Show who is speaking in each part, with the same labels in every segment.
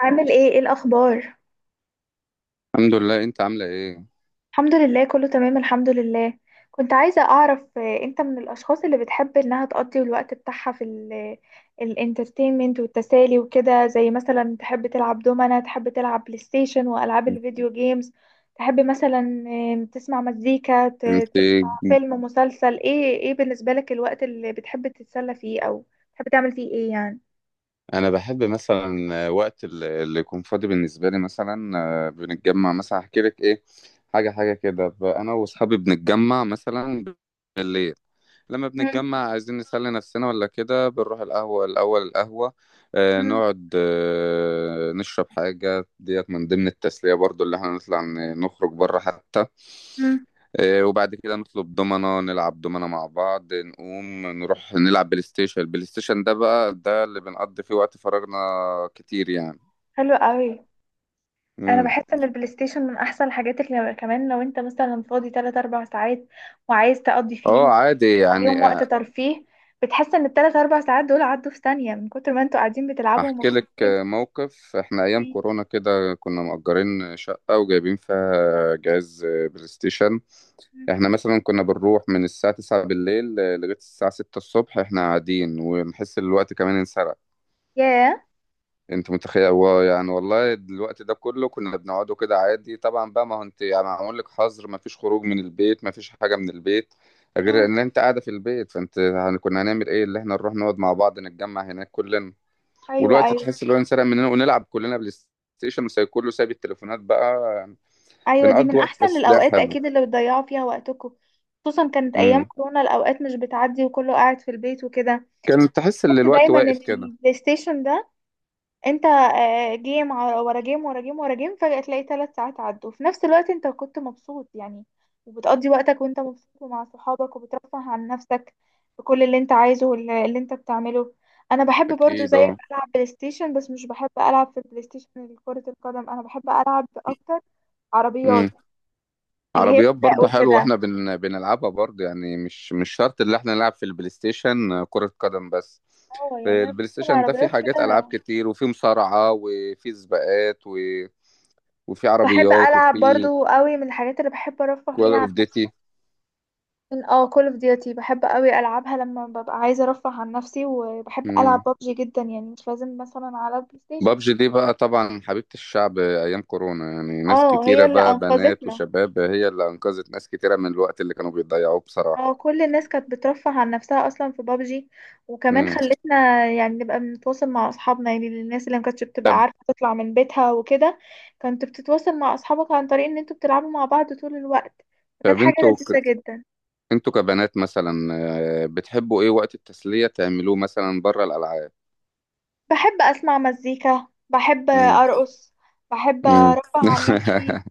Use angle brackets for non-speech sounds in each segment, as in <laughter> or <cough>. Speaker 1: عامل ايه، ايه الاخبار؟
Speaker 2: الحمد لله، انت عامله ايه؟
Speaker 1: الحمد لله، كله تمام، الحمد لله. كنت عايزة اعرف، انت من الاشخاص اللي بتحب انها تقضي الوقت بتاعها في الانترتينمنت والتسالي وكده، زي مثلا تحب تلعب دومنة، تحب تلعب بلاي ستيشن والعاب الفيديو جيمز، تحب مثلا تسمع مزيكا،
Speaker 2: انت
Speaker 1: تسمع فيلم، مسلسل، ايه؟ ايه بالنسبة لك الوقت اللي بتحب تتسلى فيه او بتحب تعمل فيه ايه يعني؟
Speaker 2: انا بحب مثلا وقت اللي يكون فاضي بالنسبه لي مثلا. بنتجمع مثلا، احكي لك ايه. حاجه حاجه كده. انا واصحابي بنتجمع مثلا بالليل. لما
Speaker 1: مم،
Speaker 2: بنتجمع عايزين نسلي نفسنا ولا كده، بنروح القهوة الأول. القهوة
Speaker 1: مم،
Speaker 2: نقعد، نشرب حاجة. ديت من ضمن التسلية برضو، اللي احنا نطلع نخرج بره حتى.
Speaker 1: مم.
Speaker 2: وبعد كده نطلب دومنة، نلعب دومنة مع بعض، نقوم نروح نلعب بلاي ستيشن. البلاي ستيشن ده بقى ده اللي بنقضي فيه وقت فراغنا كتير يعني.
Speaker 1: حلو قوي. انا
Speaker 2: مم.
Speaker 1: بحس ان البلاي ستيشن من احسن الحاجات اللي كمان لو انت مثلا فاضي 3 4 ساعات وعايز تقضي
Speaker 2: اه،
Speaker 1: فيهم،
Speaker 2: عادي يعني.
Speaker 1: تخليهم وقت ترفيه. بتحس ان الثلاث اربع ساعات دول عدوا في ثانية من كتر ما انتوا قاعدين بتلعبوا
Speaker 2: احكي لك
Speaker 1: ومبسوطين.
Speaker 2: موقف. احنا ايام كورونا كده كنا مأجرين شقة وجايبين فيها جهاز بلاي ستيشن. احنا مثلا كنا بنروح من الساعة 9 بالليل لغاية الساعة 6 الصبح احنا قاعدين، ونحس ان الوقت كمان انسرق.
Speaker 1: ياه.
Speaker 2: انت متخيل هو يعني؟ والله الوقت ده كله كنا بنقعده كده عادي. طبعا بقى، ما هو انت يعني معمول لك حظر، ما فيش خروج من البيت، ما فيش حاجة من البيت غير
Speaker 1: مم.
Speaker 2: ان انت قاعدة في البيت. فانت يعني كنا هنعمل ايه؟ اللي احنا نروح نقعد مع بعض، نتجمع هناك كلنا،
Speaker 1: ايوه،
Speaker 2: والوقت
Speaker 1: ايوه،
Speaker 2: تحس اللي هو انسرق مننا، ونلعب كلنا بلاي ستيشن، وكله سايب التليفونات بقى.
Speaker 1: ايوه، دي
Speaker 2: بنقضي
Speaker 1: من
Speaker 2: وقت،
Speaker 1: احسن
Speaker 2: بس ده
Speaker 1: الاوقات
Speaker 2: حلو.
Speaker 1: اكيد اللي بتضيعوا فيها وقتكم، خصوصا كانت ايام
Speaker 2: امم.
Speaker 1: كورونا الاوقات مش بتعدي وكله قاعد في البيت وكده.
Speaker 2: كان تحس ان
Speaker 1: بحس
Speaker 2: الوقت
Speaker 1: دايما ان
Speaker 2: واقف كده.
Speaker 1: البلاي ستيشن ده، انت جيم ورا جيم ورا جيم ورا جيم، فجأة تلاقي 3 ساعات عدوا في نفس الوقت، انت كنت مبسوط يعني، وبتقضي وقتك وانت مبسوط ومع صحابك وبترفه عن نفسك بكل اللي انت عايزه، واللي انت بتعمله. انا بحب برضو
Speaker 2: اكيد،
Speaker 1: زي
Speaker 2: اه.
Speaker 1: العب بلاي ستيشن، بس مش بحب العب في البلاي ستيشن كرة القدم، انا بحب العب اكتر عربيات،
Speaker 2: امم.
Speaker 1: اللي هي
Speaker 2: عربيات
Speaker 1: سباق
Speaker 2: برضه حلوه،
Speaker 1: وكده.
Speaker 2: واحنا بنلعبها برضه يعني. مش شرط اللي احنا نلعب في البلاي ستيشن كرة قدم بس.
Speaker 1: اه، يعني انا
Speaker 2: البلاي
Speaker 1: بحب
Speaker 2: ستيشن ده فيه
Speaker 1: العربيات
Speaker 2: حاجات، العاب
Speaker 1: كده.
Speaker 2: كتير، وفيه مصارعة، وفيه سباقات، و... وفيه
Speaker 1: بحب
Speaker 2: عربيات،
Speaker 1: العب
Speaker 2: وفيه
Speaker 1: برضو قوي، من الحاجات اللي بحب ارفه
Speaker 2: كول
Speaker 1: بيها عن
Speaker 2: اوف
Speaker 1: نفسي.
Speaker 2: ديتي.
Speaker 1: اه، كول اوف ديوتي بحب قوي العبها لما ببقى عايزه ارفه عن نفسي، وبحب العب ببجي جدا يعني، مش لازم مثلا على البلاي ستيشن.
Speaker 2: بابجي دي بقى طبعا حبيبة الشعب أيام كورونا، يعني ناس
Speaker 1: اه، هي
Speaker 2: كتيرة،
Speaker 1: اللي
Speaker 2: بقى بنات
Speaker 1: انقذتنا.
Speaker 2: وشباب، هي اللي أنقذت ناس كتيرة من الوقت اللي كانوا بيضيعوه بصراحة.
Speaker 1: اه، كل الناس كانت بترفه عن نفسها اصلا في ببجي، وكمان
Speaker 2: مم.
Speaker 1: خلتنا يعني نبقى بنتواصل مع اصحابنا، يعني الناس اللي ما كانتش بتبقى
Speaker 2: طب
Speaker 1: عارفه تطلع من بيتها وكده. كنت بتتواصل مع اصحابك عن طريق ان انتوا بتلعبوا مع بعض طول الوقت، فكانت
Speaker 2: طب
Speaker 1: حاجه لذيذه جدا.
Speaker 2: انتوا كبنات مثلا، بتحبوا ايه وقت التسلية تعملوه مثلا بره الألعاب؟
Speaker 1: بحب اسمع مزيكا، بحب
Speaker 2: مم.
Speaker 1: ارقص، بحب
Speaker 2: مم.
Speaker 1: ارفه عن
Speaker 2: <laughs>
Speaker 1: نفسي.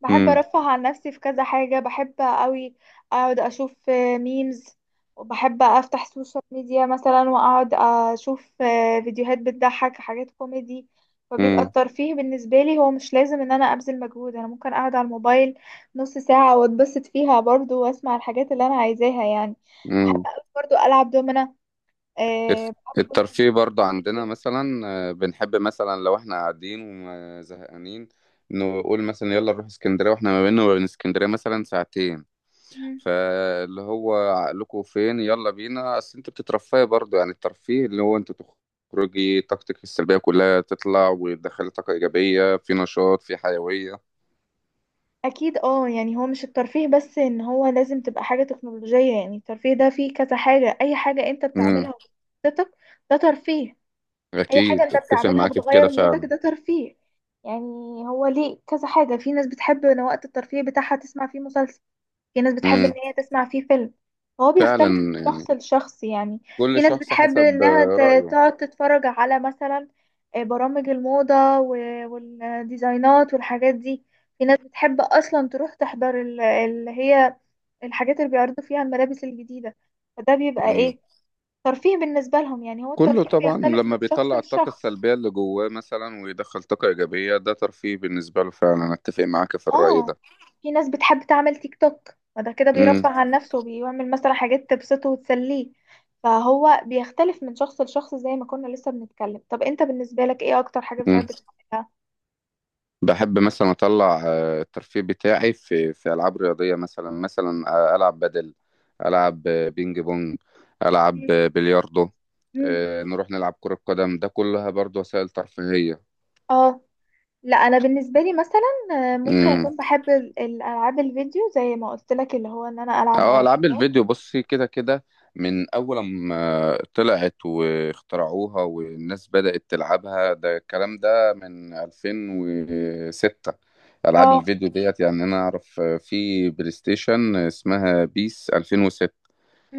Speaker 1: بحب
Speaker 2: مم.
Speaker 1: ارفه عن نفسي في كذا حاجة. بحب قوي اقعد اشوف ميمز، وبحب افتح سوشيال ميديا مثلا واقعد اشوف فيديوهات بتضحك، حاجات كوميدي. فبيبقى
Speaker 2: مم.
Speaker 1: الترفيه بالنسبة لي هو مش لازم ان انا ابذل مجهود، انا ممكن اقعد على الموبايل نص ساعة واتبسط فيها برضو، واسمع الحاجات اللي انا عايزاها يعني. بحب
Speaker 2: مم.
Speaker 1: قوي برضو العب دومنا. أه،
Speaker 2: الت-
Speaker 1: بحب الدومنة
Speaker 2: الترفيه برضو عندنا
Speaker 1: جدا
Speaker 2: مثلا، بنحب مثلا لو احنا قاعدين وزهقانين، نقول مثلا يلا نروح اسكندرية، واحنا ما بيننا وبين اسكندرية مثلا ساعتين.
Speaker 1: جدا.
Speaker 2: فاللي هو عقلكم فين؟ يلا بينا، اصل انت بتترفهي برضو، يعني الترفيه اللي هو انت تخرجي طاقتك السلبية كلها، تطلع، وتدخلي طاقة إيجابية، في نشاط، في حيوية.
Speaker 1: اكيد اه، يعني هو مش الترفيه بس ان هو لازم تبقى حاجة تكنولوجية، يعني الترفيه ده فيه كذا حاجة، اي حاجة انت
Speaker 2: امم.
Speaker 1: بتعملها وبتبسطك ده ترفيه. اي حاجة
Speaker 2: أكيد،
Speaker 1: انت
Speaker 2: أتفق
Speaker 1: بتعملها
Speaker 2: معاك في كده
Speaker 1: بتغير مودك
Speaker 2: فعلا.
Speaker 1: ده ترفيه يعني. هو ليه كذا حاجة، في ناس بتحب ان وقت الترفيه بتاعها تسمع فيه مسلسل، في ناس بتحب ان
Speaker 2: امم.
Speaker 1: هي تسمع فيه فيلم. هو بيختلف من
Speaker 2: فعلا يعني،
Speaker 1: شخص لشخص يعني. في
Speaker 2: كل
Speaker 1: ناس
Speaker 2: شخص
Speaker 1: بتحب
Speaker 2: حسب
Speaker 1: انها
Speaker 2: رأيه.
Speaker 1: تقعد تتفرج على مثلا برامج الموضة والديزاينات والحاجات دي. في ناس بتحب اصلا تروح تحضر اللي هي الحاجات اللي بيعرضوا فيها الملابس الجديدة، فده بيبقى
Speaker 2: امم.
Speaker 1: ايه، ترفيه بالنسبة لهم. يعني هو
Speaker 2: كله
Speaker 1: الترفيه
Speaker 2: طبعا
Speaker 1: بيختلف
Speaker 2: لما
Speaker 1: من شخص
Speaker 2: بيطلع الطاقة
Speaker 1: لشخص.
Speaker 2: السلبية اللي جواه مثلا، ويدخل طاقة إيجابية، ده ترفيه بالنسبة له فعلا، أتفق معاك في الرأي
Speaker 1: اه،
Speaker 2: ده.
Speaker 1: في ناس بتحب تعمل تيك توك، فده كده بيرفه عن نفسه وبيعمل مثلا حاجات تبسطه وتسليه. فهو بيختلف من شخص لشخص، زي ما كنا لسه بنتكلم. طب انت بالنسبة لك ايه اكتر حاجة
Speaker 2: امم.
Speaker 1: بتحب تعملها؟
Speaker 2: بحب مثلا اطلع الترفيه بتاعي في العاب رياضيه، مثلا. العب بدل، العب بينج بونج، العب
Speaker 1: مم.
Speaker 2: بلياردو،
Speaker 1: مم.
Speaker 2: نروح نلعب كره قدم، ده كلها برضو وسائل ترفيهيه.
Speaker 1: اه. لا، انا بالنسبة لي مثلا ممكن
Speaker 2: امم.
Speaker 1: اكون بحب الالعاب الفيديو، زي ما قلت لك، اللي هو ان انا العب
Speaker 2: اه،
Speaker 1: عربيات.
Speaker 2: العاب الفيديو، بصي كده كده من اول ما طلعت واخترعوها والناس بدات تلعبها، ده الكلام ده من 2006. العاب
Speaker 1: اه.
Speaker 2: الفيديو ديت يعني انا اعرف في بلاي ستيشن اسمها بيس 2006.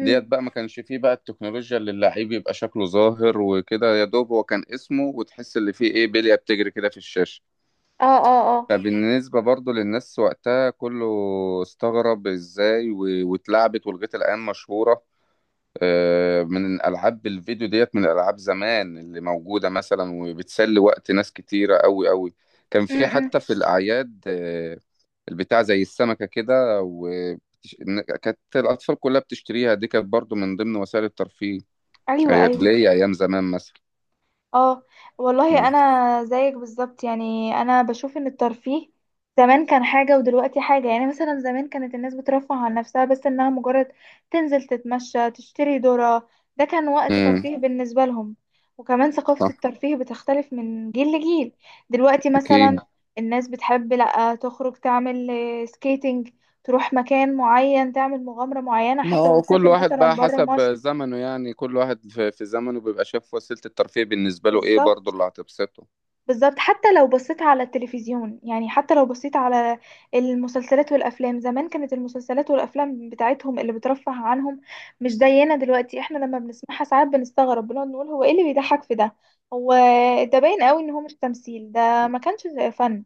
Speaker 2: ديت بقى ما كانش فيه بقى التكنولوجيا اللي اللعيب يبقى شكله ظاهر وكده، يا دوب هو كان اسمه، وتحس اللي فيه ايه بلية بتجري كده في الشاشة.
Speaker 1: اه، اه، اه.
Speaker 2: فبالنسبة برضو للناس وقتها كله استغرب ازاي واتلعبت، ولغاية الآن مشهورة. من ألعاب الفيديو ديت، من ألعاب زمان اللي موجودة مثلا وبتسلي وقت ناس كتيرة أوي أوي. كان
Speaker 1: مم.
Speaker 2: في
Speaker 1: مم.
Speaker 2: حتى في الأعياد البتاع زي السمكة كده كانت الأطفال كلها بتشتريها، دي كانت برضو من ضمن وسائل الترفيه.
Speaker 1: ايوه، ايوه.
Speaker 2: ليا ايام زمان مثلا.
Speaker 1: اه، والله
Speaker 2: مم.
Speaker 1: انا زيك بالظبط، يعني انا بشوف ان الترفيه زمان كان حاجة ودلوقتي حاجة، يعني مثلا زمان كانت الناس بترفه عن نفسها بس انها مجرد تنزل تتمشى تشتري ذرة، ده كان وقت
Speaker 2: مم.
Speaker 1: ترفيه بالنسبة لهم. وكمان ثقافة
Speaker 2: صح.
Speaker 1: الترفيه بتختلف من جيل لجيل. دلوقتي
Speaker 2: اكيد.
Speaker 1: مثلا الناس بتحب لا تخرج تعمل سكيتنج، تروح مكان معين تعمل مغامرة معينة،
Speaker 2: ما
Speaker 1: حتى لو
Speaker 2: هو كل
Speaker 1: هتسافر
Speaker 2: واحد
Speaker 1: مثلا
Speaker 2: بقى
Speaker 1: برا
Speaker 2: حسب
Speaker 1: مصر.
Speaker 2: زمنه يعني، كل واحد في زمنه بيبقى شايف وسيلة الترفيه بالنسبة له ايه، برضه
Speaker 1: بالظبط،
Speaker 2: اللي هتبسطه.
Speaker 1: بالظبط. حتى لو بصيت على التلفزيون يعني، حتى لو بصيت على المسلسلات والافلام، زمان كانت المسلسلات والافلام بتاعتهم اللي بترفه عنهم مش زينا دلوقتي، احنا لما بنسمعها ساعات بنستغرب بنقعد نقول هو ايه اللي بيضحك في ده. هو ده باين قوي ان هو مش تمثيل، ده ما كانش فن.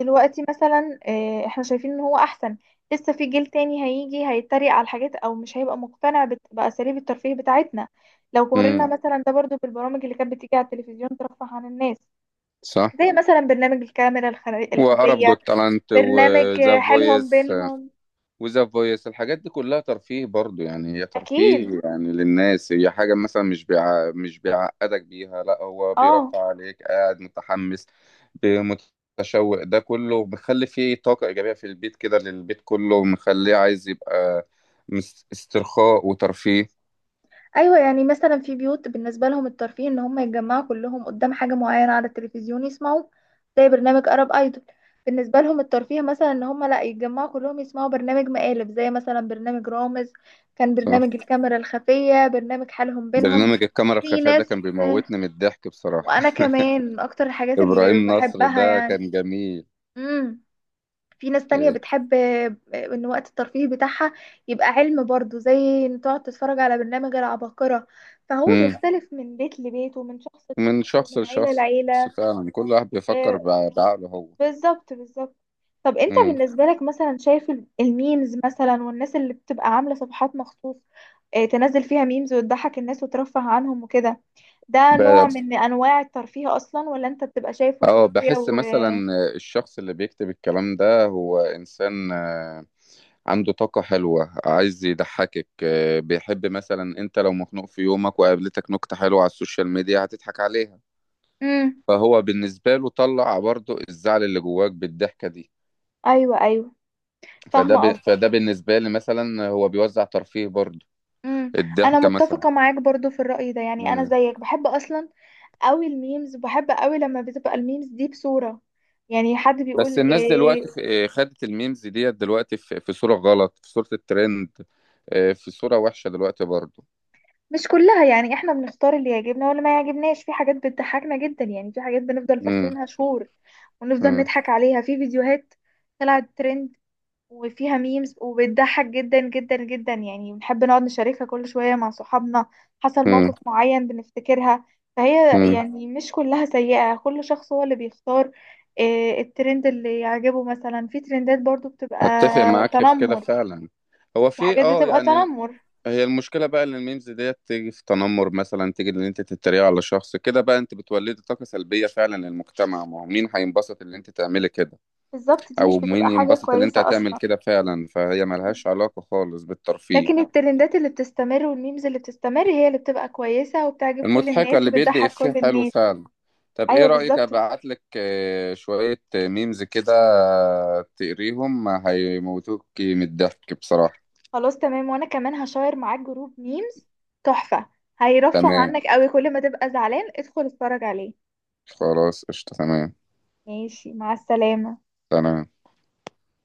Speaker 1: دلوقتي مثلا احنا شايفين ان هو احسن. لسه في جيل تاني هيجي هيتريق على الحاجات، او مش هيبقى مقتنع باساليب الترفيه بتاعتنا. لو قارنا
Speaker 2: امم.
Speaker 1: مثلا ده برضو بالبرامج اللي كانت بتيجي على التلفزيون ترفه عن الناس،
Speaker 2: صح.
Speaker 1: زي مثلا برنامج الكاميرا
Speaker 2: وعرب
Speaker 1: الخفية،
Speaker 2: جوت تالنت
Speaker 1: برنامج
Speaker 2: وذا
Speaker 1: حيلهم
Speaker 2: فويس.
Speaker 1: بينهم.
Speaker 2: وذا فويس، الحاجات دي كلها ترفيه برضو يعني. هي
Speaker 1: أكيد
Speaker 2: ترفيه يعني للناس، هي حاجة مثلا، مش بيعقدك بيها، لا، هو
Speaker 1: اه.
Speaker 2: بيرفع عليك، قاعد متحمس متشوق، ده كله مخلي فيه طاقة إيجابية في البيت كده، للبيت كله، مخليه عايز يبقى استرخاء وترفيه.
Speaker 1: ايوه، يعني مثلا في بيوت بالنسبه لهم الترفيه ان هم يتجمعوا كلهم قدام حاجه معينه على التلفزيون يسمعوا، زي برنامج ارب ايدول. بالنسبه لهم الترفيه مثلا ان هم لا يتجمعوا كلهم يسمعوا برنامج مقالب، زي مثلا برنامج رامز، كان
Speaker 2: صح.
Speaker 1: برنامج الكاميرا الخفيه، برنامج حالهم بينهم.
Speaker 2: برنامج الكاميرا
Speaker 1: في
Speaker 2: الخفية ده
Speaker 1: ناس،
Speaker 2: كان بيموتني من الضحك بصراحة.
Speaker 1: وانا كمان من اكتر
Speaker 2: <laughs>
Speaker 1: الحاجات اللي
Speaker 2: إبراهيم نصر
Speaker 1: بحبها
Speaker 2: ده
Speaker 1: يعني.
Speaker 2: كان جميل.
Speaker 1: امم، في ناس تانية
Speaker 2: إيه.
Speaker 1: بتحب ان وقت الترفيه بتاعها يبقى علم برضو، زي ان تقعد تتفرج على برنامج العباقرة. فهو
Speaker 2: مم.
Speaker 1: بيختلف من بيت لبيت ومن شخص
Speaker 2: من
Speaker 1: لشخص
Speaker 2: شخص
Speaker 1: ومن عيلة
Speaker 2: لشخص.
Speaker 1: لعيلة.
Speaker 2: فعلا كل واحد بيفكر
Speaker 1: آه،
Speaker 2: بعقله هو.
Speaker 1: بالظبط، بالظبط. طب انت
Speaker 2: مم.
Speaker 1: بالنسبة لك مثلا شايف الميمز مثلا، والناس اللي بتبقى عاملة صفحات مخصوص تنزل فيها ميمز وتضحك الناس وترفه عنهم وكده، ده نوع
Speaker 2: ب...
Speaker 1: من انواع الترفيه اصلا ولا انت بتبقى شايفه
Speaker 2: اه،
Speaker 1: سخرية
Speaker 2: بحس
Speaker 1: و...؟
Speaker 2: مثلا الشخص اللي بيكتب الكلام ده هو انسان عنده طاقة حلوة، عايز يضحكك. بيحب مثلا، انت لو مخنوق في يومك وقابلتك نكتة حلوة على السوشيال ميديا، هتضحك عليها.
Speaker 1: مم.
Speaker 2: فهو بالنسبة له طلع برضو الزعل اللي جواك بالضحكة دي.
Speaker 1: ايوه، ايوه، فاهمة قصدك.
Speaker 2: فده بالنسبة لي مثلا، هو بيوزع ترفيه برضو،
Speaker 1: امم، انا
Speaker 2: الضحكة مثلا.
Speaker 1: متفقه معاك برضو في الراي ده، يعني انا زيك بحب اصلا قوي الميمز، بحب قوي لما بتبقى الميمز دي بصوره، يعني حد بيقول
Speaker 2: بس الناس دلوقتي
Speaker 1: إيه.
Speaker 2: خدت الميمز ديت دلوقتي في صورة غلط، في صورة الترند، في صورة وحشة دلوقتي برضو.
Speaker 1: مش كلها يعني، احنا بنختار اللي يعجبنا واللي ما يعجبناش، في حاجات بتضحكنا جدا يعني، في حاجات بنفضل
Speaker 2: امم.
Speaker 1: فاكرينها شهور ونفضل
Speaker 2: امم.
Speaker 1: نضحك عليها. في فيديوهات طلعت ترند وفيها ميمز وبتضحك جدا جدا جدا يعني، بنحب نقعد نشاركها كل شوية مع صحابنا، حصل
Speaker 2: امم.
Speaker 1: موقف معين بنفتكرها. فهي
Speaker 2: امم.
Speaker 1: يعني مش كلها سيئة، كل شخص هو اللي بيختار الترند اللي يعجبه. مثلا في ترندات برضو بتبقى
Speaker 2: اتفق معاك في كده
Speaker 1: تنمر،
Speaker 2: فعلا. هو
Speaker 1: في
Speaker 2: في،
Speaker 1: حاجات
Speaker 2: اه،
Speaker 1: بتبقى
Speaker 2: يعني
Speaker 1: تنمر.
Speaker 2: هي المشكلة بقى ان الميمز ديت تيجي في تنمر، مثلا تيجي ان انت تتريق على شخص كده بقى، انت بتولدي طاقة سلبية فعلا للمجتمع. ما هو مين هينبسط ان انت تعملي كده؟
Speaker 1: بالظبط، دي مش
Speaker 2: او مين
Speaker 1: بتبقى حاجة
Speaker 2: ينبسط ان انت
Speaker 1: كويسة
Speaker 2: هتعمل
Speaker 1: أصلا.
Speaker 2: كده؟ فعلا فهي ملهاش علاقة خالص
Speaker 1: لكن
Speaker 2: بالترفيه.
Speaker 1: الترندات اللي بتستمر والميمز اللي بتستمر هي اللي بتبقى كويسة وبتعجب كل
Speaker 2: المضحكة
Speaker 1: الناس
Speaker 2: اللي بيدي
Speaker 1: وبتضحك كل
Speaker 2: إفيه حلو
Speaker 1: الناس.
Speaker 2: فعلا. طب إيه
Speaker 1: ايوه،
Speaker 2: رأيك
Speaker 1: بالظبط.
Speaker 2: أبعت لك شوية ميمز كده؟ تقريهم هيموتوك من الضحك بصراحة.
Speaker 1: خلاص تمام، وانا كمان هشير معاك جروب ميمز تحفة، هيرفه
Speaker 2: تمام.
Speaker 1: عنك قوي، كل ما تبقى زعلان ادخل اتفرج عليه.
Speaker 2: خلاص، قشطة، تمام.
Speaker 1: ماشي، مع السلامة.
Speaker 2: تمام.